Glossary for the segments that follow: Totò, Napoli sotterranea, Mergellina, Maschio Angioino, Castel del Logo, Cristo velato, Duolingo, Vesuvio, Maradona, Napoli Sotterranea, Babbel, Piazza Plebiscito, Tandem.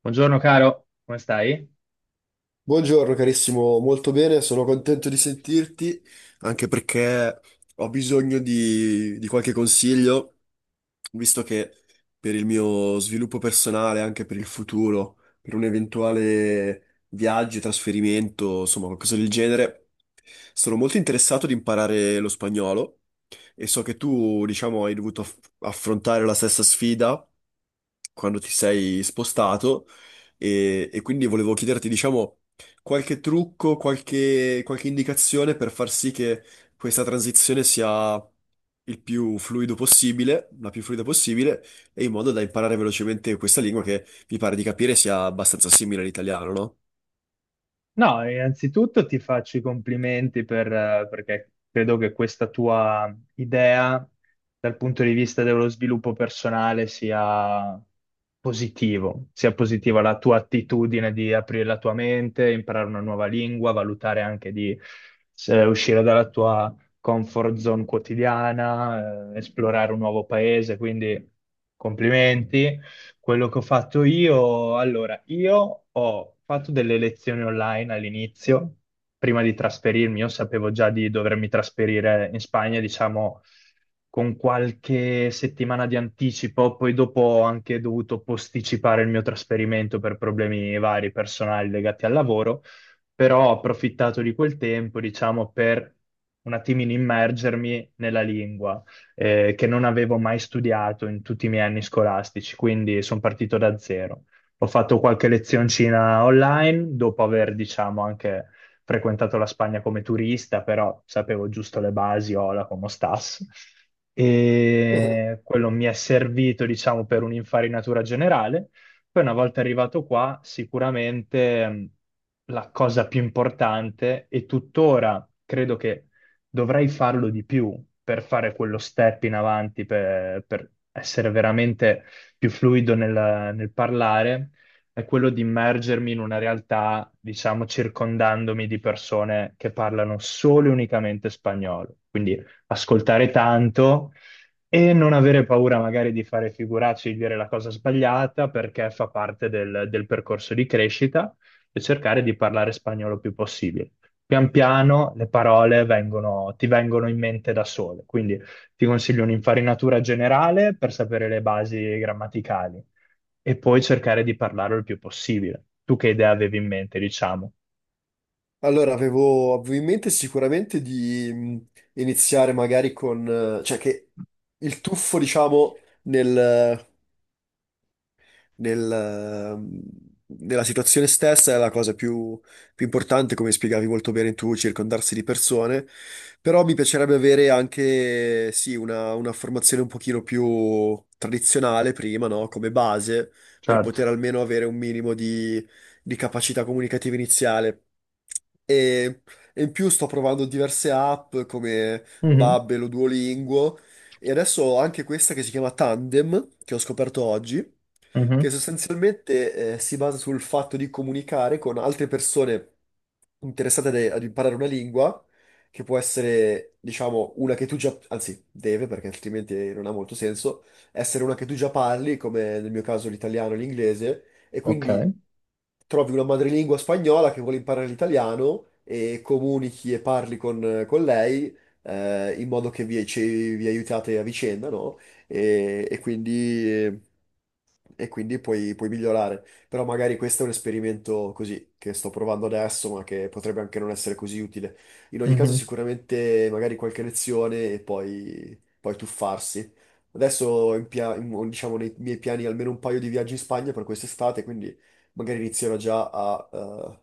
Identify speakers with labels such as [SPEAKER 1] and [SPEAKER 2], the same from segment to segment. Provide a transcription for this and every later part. [SPEAKER 1] Buongiorno caro, come stai?
[SPEAKER 2] Buongiorno carissimo, molto bene, sono contento di sentirti, anche perché ho bisogno di qualche consiglio, visto che per il mio sviluppo personale, anche per il futuro, per un eventuale viaggio, trasferimento, insomma qualcosa del genere, sono molto interessato di imparare lo spagnolo e so che tu, diciamo, hai dovuto affrontare la stessa sfida quando ti sei spostato e quindi volevo chiederti, diciamo qualche trucco, qualche indicazione per far sì che questa transizione sia il più fluido possibile, la più fluida possibile, e in modo da imparare velocemente questa lingua che mi pare di capire sia abbastanza simile all'italiano, no?
[SPEAKER 1] No, innanzitutto ti faccio i complimenti per, perché credo che questa tua idea dal punto di vista dello sviluppo personale sia positivo, sia positiva la tua attitudine di aprire la tua mente, imparare una nuova lingua, valutare anche di uscire dalla tua comfort zone quotidiana, esplorare un nuovo paese, quindi complimenti. Quello che ho fatto io, allora, io ho fatto delle lezioni online all'inizio, prima di trasferirmi, io sapevo già di dovermi trasferire in Spagna, diciamo, con qualche settimana di anticipo, poi dopo ho anche dovuto posticipare il mio trasferimento per problemi vari personali legati al lavoro, però ho approfittato di quel tempo, diciamo, per un attimino immergermi nella lingua che non avevo mai studiato in tutti i miei anni scolastici, quindi sono partito da zero. Ho fatto qualche lezioncina online dopo aver, diciamo, anche frequentato la Spagna come turista, però sapevo giusto le basi, hola, como stas. E quello mi è servito, diciamo, per un'infarinatura generale. Poi una volta arrivato qua, sicuramente la cosa più importante e tuttora credo che dovrai farlo di più per fare quello step in avanti, per essere veramente più fluido nel parlare, è quello di immergermi in una realtà, diciamo, circondandomi di persone che parlano solo e unicamente spagnolo. Quindi ascoltare tanto e non avere paura magari di fare figuracce, di dire la cosa sbagliata, perché fa parte del percorso di crescita e cercare di parlare spagnolo più possibile. Pian piano le parole ti vengono in mente da sole, quindi ti consiglio un'infarinatura generale per sapere le basi grammaticali e poi cercare di parlarlo il più possibile. Tu che idea avevi in mente, diciamo?
[SPEAKER 2] Allora, avevo in mente sicuramente di iniziare magari con, cioè che il tuffo, diciamo, nel, ehm, nella situazione stessa è la cosa più importante, come spiegavi molto bene tu, circondarsi di persone, però mi piacerebbe avere anche, sì, una formazione un pochino più tradizionale prima, no? Come base, per
[SPEAKER 1] Certo.
[SPEAKER 2] poter almeno avere un minimo di capacità comunicativa iniziale. E, e in più sto provando diverse app come
[SPEAKER 1] Mhm,
[SPEAKER 2] Babbel o Duolingo, e adesso ho anche questa che si chiama Tandem, che ho scoperto oggi, che
[SPEAKER 1] mhm,
[SPEAKER 2] sostanzialmente si basa sul fatto di comunicare con altre persone interessate ad imparare una lingua, che può essere, diciamo, una che tu già, anzi, deve, perché altrimenti non ha molto senso, essere una che tu già parli, come nel mio caso l'italiano e l'inglese, e quindi
[SPEAKER 1] ok.
[SPEAKER 2] trovi una madrelingua spagnola che vuole imparare l'italiano e comunichi e parli con lei. In modo che vi aiutate a vicenda, no? E quindi puoi, puoi migliorare. Però magari questo è un esperimento così che sto provando adesso, ma che potrebbe anche non essere così utile. In ogni caso,
[SPEAKER 1] Mhm.
[SPEAKER 2] sicuramente magari qualche lezione e poi tuffarsi. Adesso ho diciamo nei miei piani almeno un paio di viaggi in Spagna per quest'estate, quindi magari inizierò già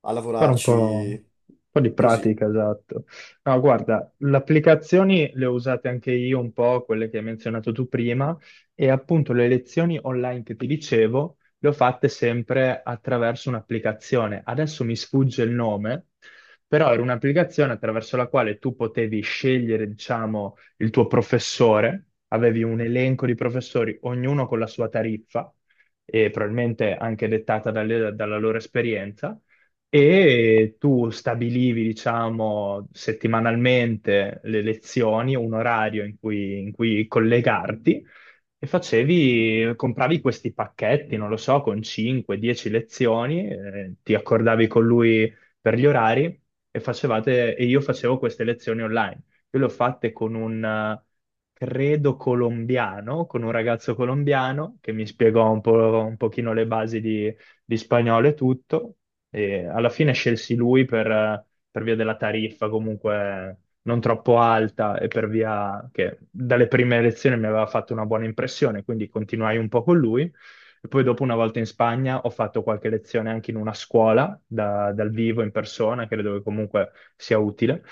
[SPEAKER 2] a
[SPEAKER 1] Fare un po', un
[SPEAKER 2] lavorarci
[SPEAKER 1] po' di
[SPEAKER 2] così.
[SPEAKER 1] pratica, esatto. No, guarda, le applicazioni le ho usate anche io un po', quelle che hai menzionato tu prima, e appunto le lezioni online che ti dicevo le ho fatte sempre attraverso un'applicazione. Adesso mi sfugge il nome, però era un'applicazione attraverso la quale tu potevi scegliere, diciamo, il tuo professore, avevi un elenco di professori, ognuno con la sua tariffa, e probabilmente anche dettata dalla loro esperienza e tu stabilivi, diciamo, settimanalmente le lezioni, un orario in cui collegarti e facevi, compravi questi pacchetti, non lo so, con 5-10 lezioni, ti accordavi con lui per gli orari e facevate, e io facevo queste lezioni online. Io le ho fatte con un, credo, colombiano, con un ragazzo colombiano che mi spiegò un po', un pochino le basi di spagnolo e tutto. E alla fine scelsi lui per via della tariffa comunque non troppo alta e per via che dalle prime elezioni mi aveva fatto una buona impressione, quindi continuai un po' con lui. E poi dopo una volta in Spagna ho fatto qualche lezione anche in una scuola dal vivo in persona, credo che comunque sia utile.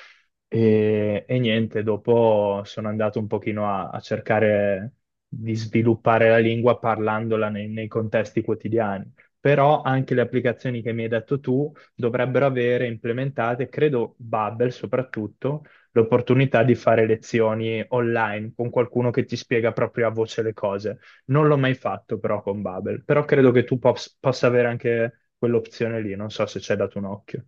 [SPEAKER 1] E niente, dopo sono andato un pochino a cercare di sviluppare la lingua parlandola nei contesti quotidiani però anche le applicazioni che mi hai detto tu dovrebbero avere implementate, credo Babel soprattutto, l'opportunità di fare lezioni online con qualcuno che ti spiega proprio a voce le cose. Non l'ho mai fatto però con Babel, però credo che tu possa avere anche quell'opzione lì, non so se ci hai dato un occhio.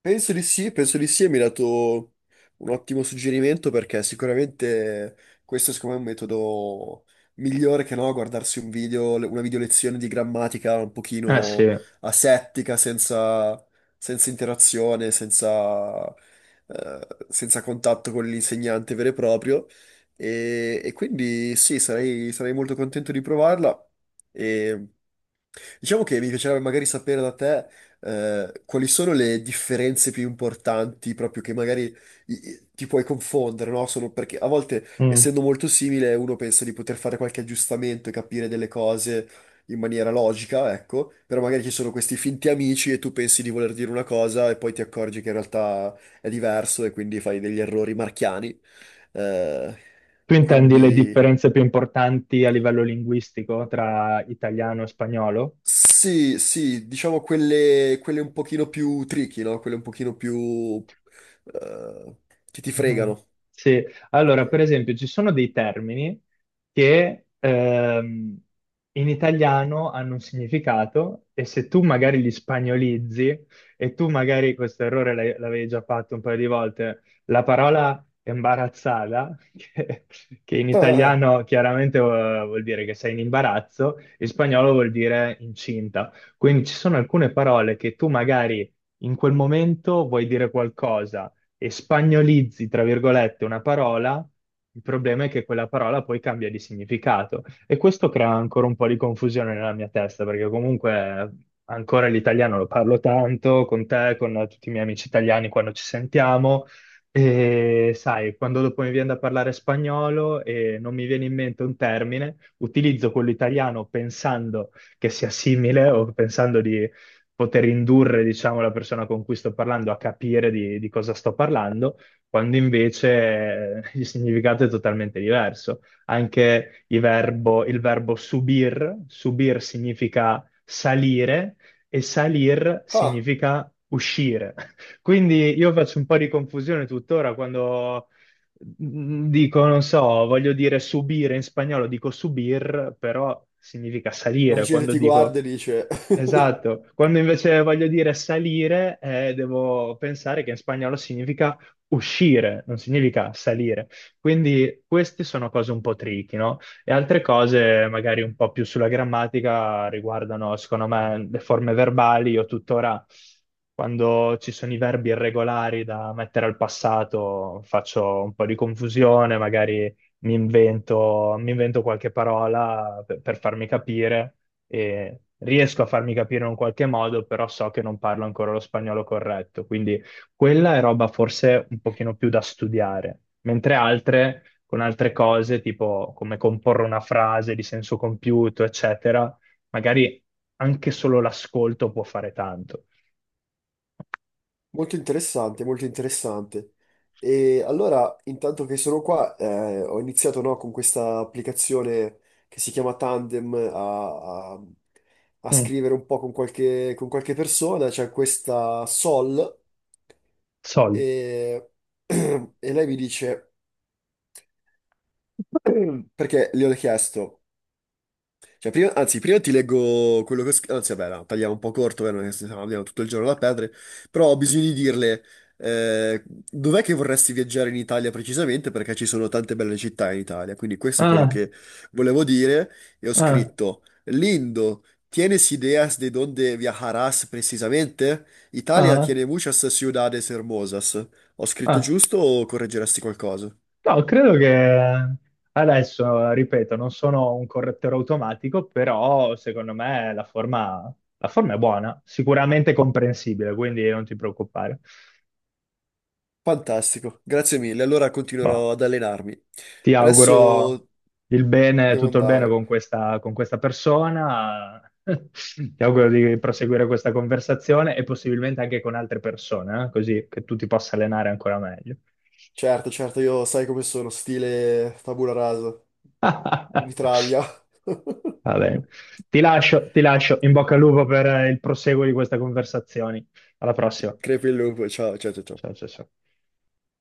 [SPEAKER 2] Penso di sì, penso di sì, e mi hai dato un ottimo suggerimento perché sicuramente questo è secondo me è un metodo migliore che no, guardarsi un video, una video lezione di grammatica un
[SPEAKER 1] Ah sì.
[SPEAKER 2] pochino asettica, senza, senza interazione, senza, senza contatto con l'insegnante vero e proprio. E quindi sì, sarei molto contento di provarla. E diciamo che mi piacerebbe magari sapere da te quali sono le differenze più importanti, proprio che magari ti puoi confondere, no? Sono perché a volte,
[SPEAKER 1] Mm.
[SPEAKER 2] essendo molto simile, uno pensa di poter fare qualche aggiustamento e capire delle cose in maniera logica, ecco, però magari ci sono questi finti amici e tu pensi di voler dire una cosa e poi ti accorgi che in realtà è diverso e quindi fai degli errori marchiani. Eh,
[SPEAKER 1] Tu intendi le
[SPEAKER 2] quindi.
[SPEAKER 1] differenze più importanti a livello linguistico tra italiano e spagnolo?
[SPEAKER 2] Sì, sì, diciamo quelle, quelle un pochino più tricky, no? Quelle un pochino più eh, che ti
[SPEAKER 1] Mhm.
[SPEAKER 2] fregano.
[SPEAKER 1] Sì, allora per esempio ci sono dei termini che in italiano hanno un significato e se tu magari li spagnolizzi e tu magari questo errore l'avevi già fatto un paio di volte, la parola imbarazzata, che in
[SPEAKER 2] Ah,
[SPEAKER 1] italiano chiaramente vuol dire che sei in imbarazzo, in spagnolo vuol dire incinta. Quindi ci sono alcune parole che tu magari in quel momento vuoi dire qualcosa e spagnolizzi, tra virgolette, una parola, il problema è che quella parola poi cambia di significato. E questo crea ancora un po' di confusione nella mia testa, perché comunque ancora l'italiano lo parlo tanto con te, con tutti i miei amici italiani quando ci sentiamo. E sai, quando dopo mi viene da parlare spagnolo e non mi viene in mente un termine, utilizzo quello italiano pensando che sia simile o pensando di poter indurre, diciamo, la persona con cui sto parlando a capire di cosa sto parlando, quando invece il significato è totalmente diverso. Anche il verbo subir, subir significa salire e salir
[SPEAKER 2] ah,
[SPEAKER 1] significa uscire. Quindi io faccio un po' di confusione tuttora quando dico, non so, voglio dire subire in spagnolo, dico subir, però significa
[SPEAKER 2] la
[SPEAKER 1] salire.
[SPEAKER 2] gente
[SPEAKER 1] Quando
[SPEAKER 2] ti
[SPEAKER 1] dico.
[SPEAKER 2] guarda e dice...
[SPEAKER 1] Esatto, quando invece voglio dire salire, devo pensare che in spagnolo significa uscire, non significa salire. Quindi queste sono cose un po' tricky, no? E altre cose, magari un po' più sulla grammatica, riguardano, secondo me, le forme verbali. Io tuttora, quando ci sono i verbi irregolari da mettere al passato, faccio un po' di confusione, magari mi invento qualche parola per farmi capire e riesco a farmi capire in un qualche modo, però so che non parlo ancora lo spagnolo corretto, quindi quella è roba forse un pochino più da studiare, mentre altre, con altre cose, tipo come comporre una frase di senso compiuto, eccetera, magari anche solo l'ascolto può fare tanto.
[SPEAKER 2] Molto interessante, molto interessante. E allora, intanto che sono qua, ho iniziato, no, con questa applicazione che si chiama Tandem a
[SPEAKER 1] Mm,
[SPEAKER 2] scrivere un po' con con qualche persona. C'è questa Sol
[SPEAKER 1] sol.
[SPEAKER 2] e, e lei mi dice... Perché gli ho chiesto, cioè, anzi, prima ti leggo quello che ho scritto, anzi, vabbè, no, tagliamo un po' corto, vero? Che stiamo abbiamo tutto il giorno da perdere, però ho bisogno di dirle, dov'è che vorresti viaggiare in Italia precisamente? Perché ci sono tante belle città in Italia, quindi questo è quello
[SPEAKER 1] Ah,
[SPEAKER 2] che volevo dire, e ho
[SPEAKER 1] ah,
[SPEAKER 2] scritto, Lindo, ¿tienes ideas de dónde viajarás precisamente? Italia
[SPEAKER 1] ah,
[SPEAKER 2] tiene muchas ciudades hermosas. Ho scritto
[SPEAKER 1] ah.
[SPEAKER 2] giusto o correggeresti qualcosa?
[SPEAKER 1] No, credo che adesso, ripeto, non sono un correttore automatico, però secondo me la forma è buona, sicuramente comprensibile, quindi non ti preoccupare.
[SPEAKER 2] Fantastico, grazie mille. Allora
[SPEAKER 1] Boh,
[SPEAKER 2] continuerò ad allenarmi.
[SPEAKER 1] ti auguro
[SPEAKER 2] Adesso
[SPEAKER 1] il bene,
[SPEAKER 2] devo
[SPEAKER 1] tutto il bene
[SPEAKER 2] andare.
[SPEAKER 1] con questa persona. Ti auguro di proseguire questa conversazione e possibilmente anche con altre persone, così che tu ti possa allenare ancora meglio.
[SPEAKER 2] Certo, certo, io sai come sono, stile tabula rasa, mitraglia.
[SPEAKER 1] Va bene. Ti lascio. In bocca al lupo per il proseguo di questa conversazione. Alla prossima.
[SPEAKER 2] Crepi il lupo, ciao, ciao, ciao. Ciao.
[SPEAKER 1] Ciao, ciao, ciao.